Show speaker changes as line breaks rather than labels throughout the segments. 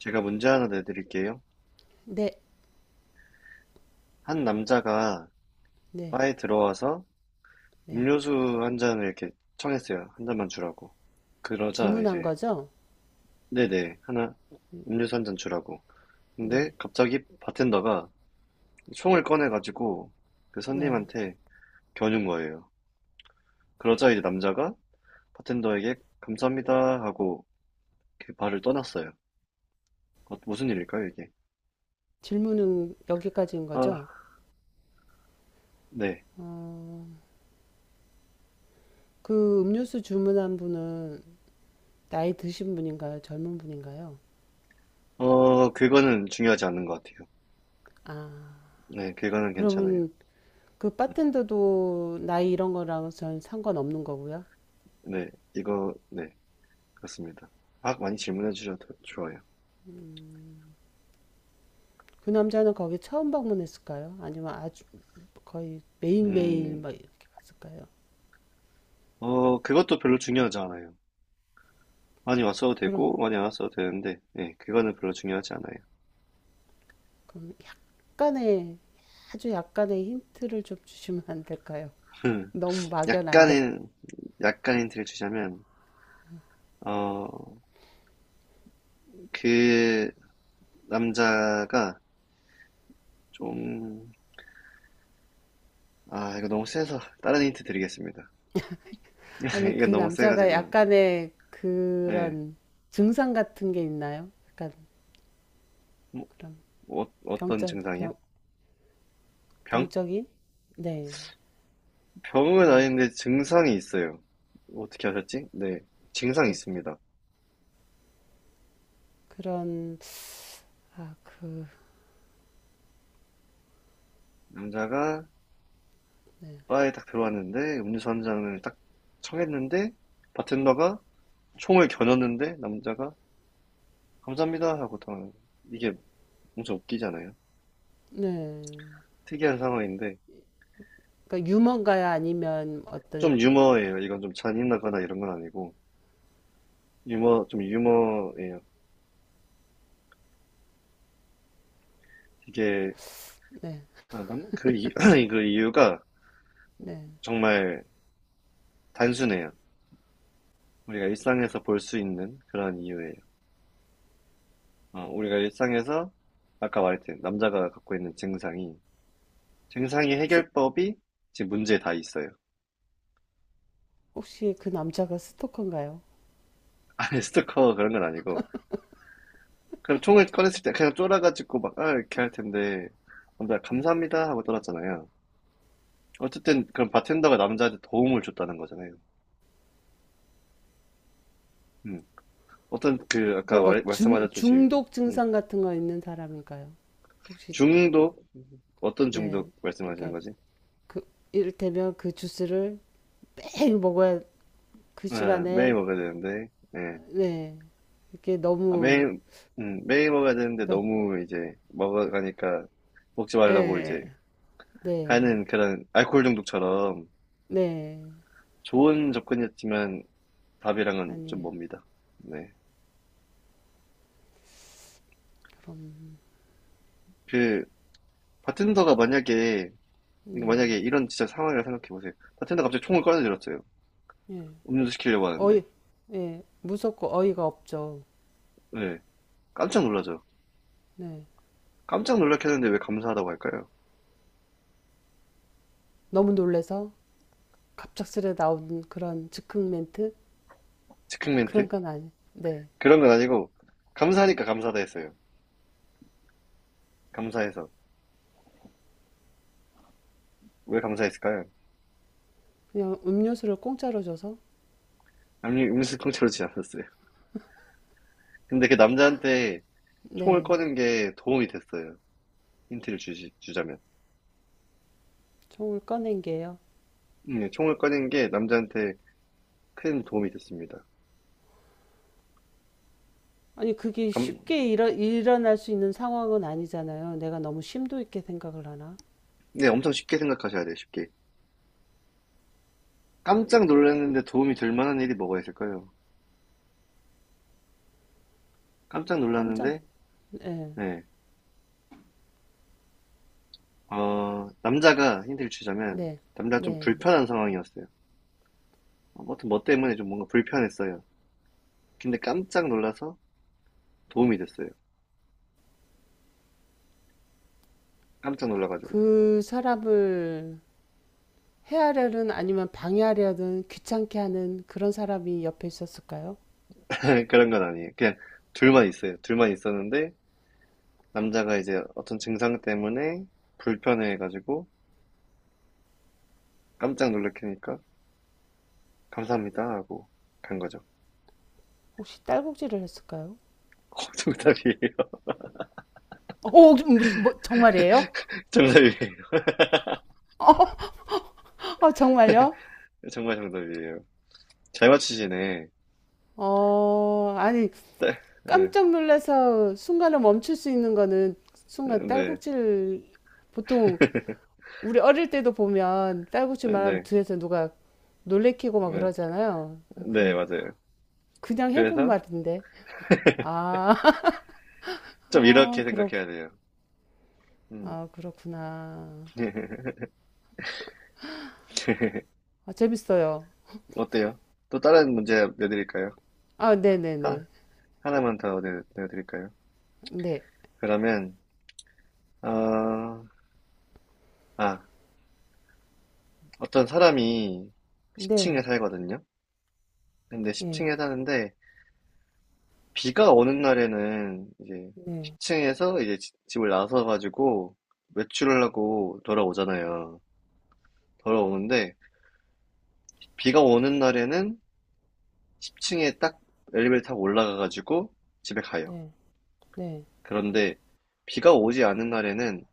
제가 문제 하나 내드릴게요.
네,
한 남자가
네,
바에 들어와서
네.
음료수 한 잔을 이렇게 청했어요. 한 잔만 주라고. 그러자
주문한
이제
거죠?
네네 하나
음,
음료수 한 잔 주라고. 근데
네,
갑자기 바텐더가 총을 꺼내가지고 그
네.
손님한테 겨눈 거예요. 그러자 이제 남자가 바텐더에게 감사합니다 하고 그 바를 떠났어요. 무슨 일일까요, 이게?
질문은 여기까지인
아,
거죠?
네.
어, 그 음료수 주문한 분은 나이 드신 분인가요? 젊은 분인가요?
그거는 중요하지 않은 것 같아요.
아,
네, 그거는 괜찮아요.
그러면 그
음.
바텐더도 나이 이런 거랑 전 상관없는 거고요.
네, 이거, 네. 그렇습니다. 막 많이 질문해 주셔도 좋아요.
그 남자는 거기 처음 방문했을까요? 아니면 아주 거의 매일매일
음,
막 이렇게 갔을까요?
그것도 별로 중요하지 않아요. 많이 왔어도
그럼,
되고, 많이 안 왔어도 되는데, 예, 그거는 별로 중요하지 않아요.
그럼 약간의, 아주 약간의 힌트를 좀 주시면 안 될까요? 너무 막연한데.
약간의, 약간 힌트를 주자면, 어, 그 남자가 좀, 아, 이거 너무 세서, 다른 힌트 드리겠습니다.
아니,
이건
그
너무
남자가
세가지고,
약간의
예.
그런 증상 같은 게 있나요? 약간 그런
뭐, 어떤
병적,
증상이요?
병,
병?
병적인? 네,
병은
그런,
아닌데 증상이 있어요. 어떻게 하셨지? 네, 증상이
그,
있습니다.
그런, 아, 그,
남자가 바에 딱 들어왔는데 음료수 한 잔을 딱 청했는데 바텐더가 총을 겨눴는데 남자가 감사합니다 하고 당하는 이게 엄청 웃기잖아요.
네.
특이한 상황인데
그러니까 유머인가요? 아니면 어떤,
좀 유머예요. 이건 좀 잔인하거나 이런 건 아니고 유머 좀 유머예요. 이게
네,
아, 남- 그, 이, 그 이유가
네.
정말 단순해요. 우리가 일상에서 볼 수 있는 그런 이유예요. 우리가 일상에서 아까 말했듯 남자가 갖고 있는 증상이 증상의
스-
해결법이 지금 문제에 다 있어요.
혹시 그 남자가 스토커인가요?
아니, 스토커 그런 건 아니고. 그럼 총을 꺼냈을 때 그냥 쫄아가지고 막, 이렇게 할 텐데. 남자 감사합니다 하고 떨었잖아요. 어쨌든, 그럼 바텐더가 남자한테 도움을 줬다는 거잖아요. 음. 어떤, 아까
그러니까
말,
막
말씀하셨듯이,
중독
음.
증상 같은 거 있는 사람인가요? 혹시,
중독? 어떤
네.
중독 말씀하시는
그러니까
거지?
그, 이를테면 그 주스를 매일 먹어야 그
아, 매일
시간에
먹어야 되는데, 예.
네. 이게
아,
너무
매일, 매일 먹어야 되는데
그러니까
너무 이제 먹어가니까 먹지 말라고
예.
이제
네.
하는 그런 알코올 중독처럼
네.
좋은 접근이었지만 답이랑은 좀
아니에요.
멉니다. 네. 그 바텐더가 만약에 이거
네.
만약에 이런 진짜 상황이라 생각해 보세요. 바텐더가 갑자기 총을 꺼내들었어요.
예.
음료수 시키려고 하는데.
어이 예. 무섭고 어이가 없죠.
네. 깜짝 놀라죠.
네.
깜짝 놀랐겠는데 왜 감사하다고 할까요?
너무 놀래서 갑작스레 나온 그런 즉흥 멘트
즉흥
그런
멘트?
건 아니. 네.
그런 건 아니고 감사하니까 감사하다 했어요. 감사해서. 왜 감사했을까요?
그냥 음료수를 공짜로 줘서
아니, 음료수 통째로 주지 않았어요. 근데 그 남자한테 총을
네.
꺼낸 게 도움이 됐어요. 주자면.
총을 꺼낸 게요.
네, 총을 꺼낸 게 남자한테 큰 도움이 됐습니다.
아니, 그게
감,
쉽게 일어날 수 있는 상황은 아니잖아요. 내가 너무 심도 있게 생각을 하나?
네, 엄청 쉽게 생각하셔야 돼요, 쉽게. 깜짝 놀랐는데 도움이 될 만한 일이 뭐가 있을까요? 깜짝
깜짝.
놀랐는데,
네.
네. 남자가 힌트를 주자면,
네.
남자가 좀
네.
불편한 상황이었어요. 아무튼 뭐 때문에 좀 뭔가 불편했어요. 근데 깜짝 놀라서 도움이 됐어요. 깜짝 놀라가지고.
그 사람을 해하려는 아니면 방해하려는 귀찮게 하는 그런 사람이 옆에 있었을까요?
그런 건 아니에요. 그냥 둘만 있어요. 둘만 있었는데, 남자가 이제 어떤 증상 때문에 불편해가지고 깜짝 놀래키니까 감사합니다 하고 간 거죠.
혹시 딸꾹질을 했을까요?
정답이에요.
오, 뭐, 정말이에요?
정답이에요.
정말요?
정말 정답이에요. 잘 맞추시네.
아니,
네. 예.
깜짝 놀라서 순간을 멈출 수 있는 거는
네.
순간
네.
딸꾹질, 보통 우리 어릴 때도 보면 딸꾹질 말하면
네.
뒤에서 누가 놀래키고 막
네,
그러잖아요.
네,
그,
맞아요.
그냥 해본
그래서
말인데. 아,
좀
아,
이렇게
그렇,
생각해야 돼요. 음.
아, 그렇구나. 아, 재밌어요.
어때요? 또 다른 문제 내드릴까요?
아,
하,
네네네.
하나만 더 내드릴까요?
네.
그러면, 어, 아, 어떤 사람이 10층에
네.
살거든요? 근데
네.
10층에 사는데, 비가 오는 날에는 이제
네. 예. 네.
10층에서 이제 집을 나서 가지고 외출을 하고 돌아오잖아요. 돌아오는데, 비가 오는 날에는 10층에 딱 엘리베이터 타고 올라가가지고 집에 가요.
네. 네.
그런데 비가 오지 않은 날에는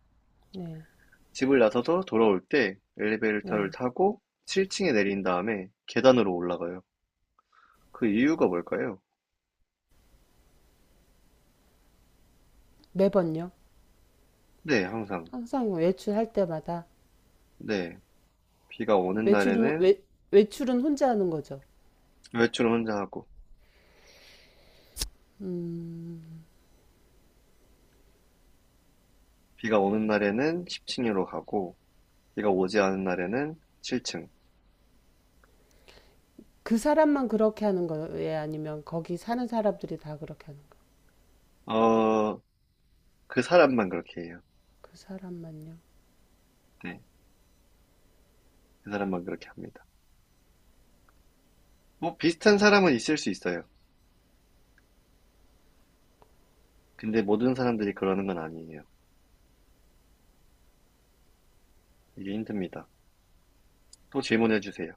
네.
집을 나서서 돌아올 때 엘리베이터를
네.
타고 7층에 내린 다음에 계단으로 올라가요. 그 이유가 뭘까요?
매번요.
네, 항상.
항상 외출할 때마다.
네. 비가 오는
외출은,
날에는
외, 외출은 혼자 하는 거죠.
외출을 혼자 하고,
음,
비가 오는 날에는 10층으로 가고, 비가 오지 않은 날에는 7층.
그 사람만 그렇게 하는 거예요? 아니면 거기 사는 사람들이 다 그렇게 하는 거예요?
어, 그 사람만 그렇게 해요.
그 사람만요?
네. 그 사람만 그렇게 합니다. 뭐 비슷한 사람은 있을 수 있어요. 근데 모든 사람들이 그러는 건 아니에요. 이게 힘듭니다. 또 질문해 주세요.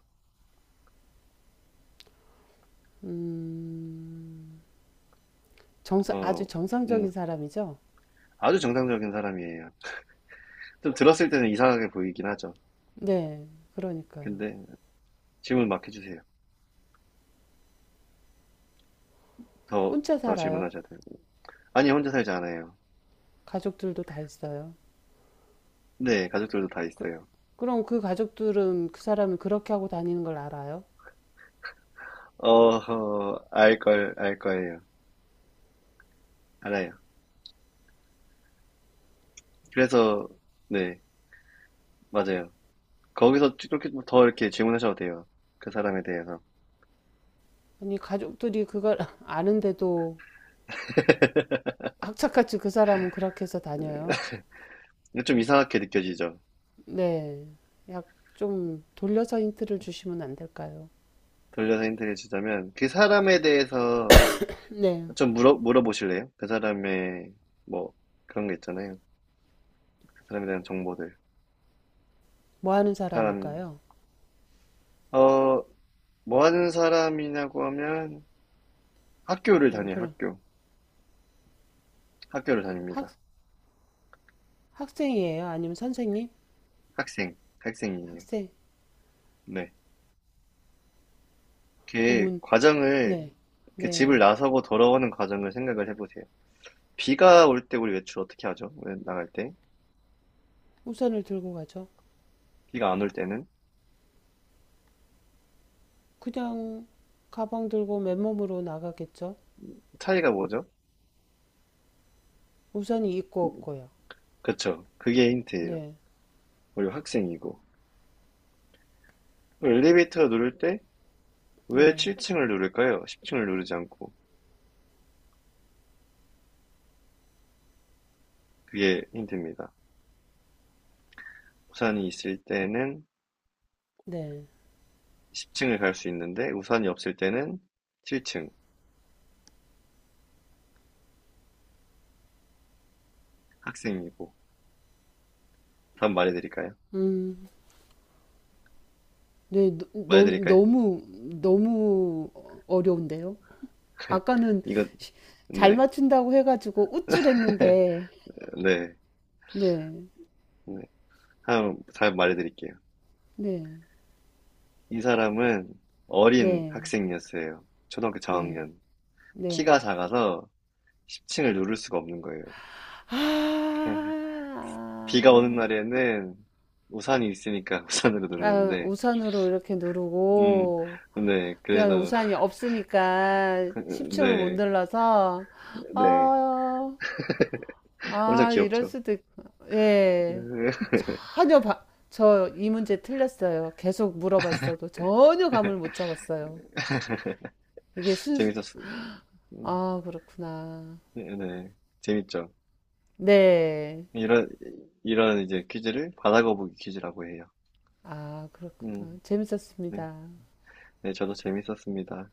음,
어,
아주
음,
정상적인 사람이죠?
아주 정상적인 사람이에요. 좀 들었을 때는 이상하게 보이긴 하죠.
네. 그러니까요.
근데 질문 막 해주세요. 더,
혼자
더
살아요.
질문하셔야 돼요. 아니, 혼자 살지 않아요.
가족들도 다 있어요.
네, 가족들도 다
그,
있어요.
그럼 그 가족들은 그 사람이 그렇게 하고 다니는 걸 알아요?
알 거예요. 알아요. 그래서, 네, 맞아요. 거기서 그렇게 더 이렇게 질문하셔도 돼요. 그 사람에 대해서.
아니, 가족들이 그걸 아는데도 악착같이 그 사람은 그렇게 해서 다녀요?
근데 좀 이상하게 느껴지죠.
네. 약 좀 돌려서 힌트를 주시면 안 될까요?
돌려서 힌트를 주자면, 그 사람에 대해서
네.
좀 물어보실래요? 그 사람의, 뭐, 그런 게 있잖아요. 그 사람에 대한 정보들.
뭐 하는
사람,
사람일까요?
어, 뭐 하는 사람이냐고 하면 학교를 다녀요,
그럼
학교. 학교를
학,
다닙니다.
학생이에요? 아니면 선생님?
학생이에요.
학생.
네.
그
그
문,
과정을,
네.
그 집을
네.
나서고 돌아오는 과정을 생각을 해보세요. 비가 올 때 우리 외출 어떻게 하죠? 왜 나갈 때?
우산을 들고 가죠.
비가 안 올 때는?
그냥 가방 들고 맨몸으로 나가겠죠?
차이가 뭐죠?
우산이 있고 없고요.
그쵸. 그게 힌트예요.
네.
우리 학생이고. 엘리베이터 누를 때 왜
네.
7층을 누를까요? 10층을 누르지 않고. 그게 힌트입니다. 우산이 있을 때는
네.
10층을 갈 수 있는데 우산이 없을 때는 7층 학생이고 답 말해드릴까요?
음, 네,
말해드릴까요?
너무 어려운데요? 아까는
이거
쉬- 잘
네,
맞춘다고 해가지고 우쭐했는데,
네,
네,
네. 한번 잘 말해드릴게요.
네,
이 사람은 어린
네,
학생이었어요. 초등학교
네,
저학년. 키가
네.
작아서 10층을 누를 수가 없는 거예요.
아,
비가 오는 날에는 우산이 있으니까 우산으로
아,
누르는데,
우산으로 이렇게
음,
누르고,
네,
그냥
그래서,
우산이 없으니까 10층을 못
네,
눌러서,
네.
아,
엄청
아, 이럴
귀엽죠.
수도 있고. 예. 전혀 바, 저 이 문제 틀렸어요. 계속 물어봤어도 전혀 감을 못 잡았어요. 이게 순,
재밌었어요. 음,
아, 그렇구나.
네, 네. 재밌죠.
네.
이런, 이런 이제 퀴즈를 바다거북이 퀴즈라고 해요.
아,
음,
그렇구나.
네.
재밌었습니다.
네, 저도 재밌었습니다.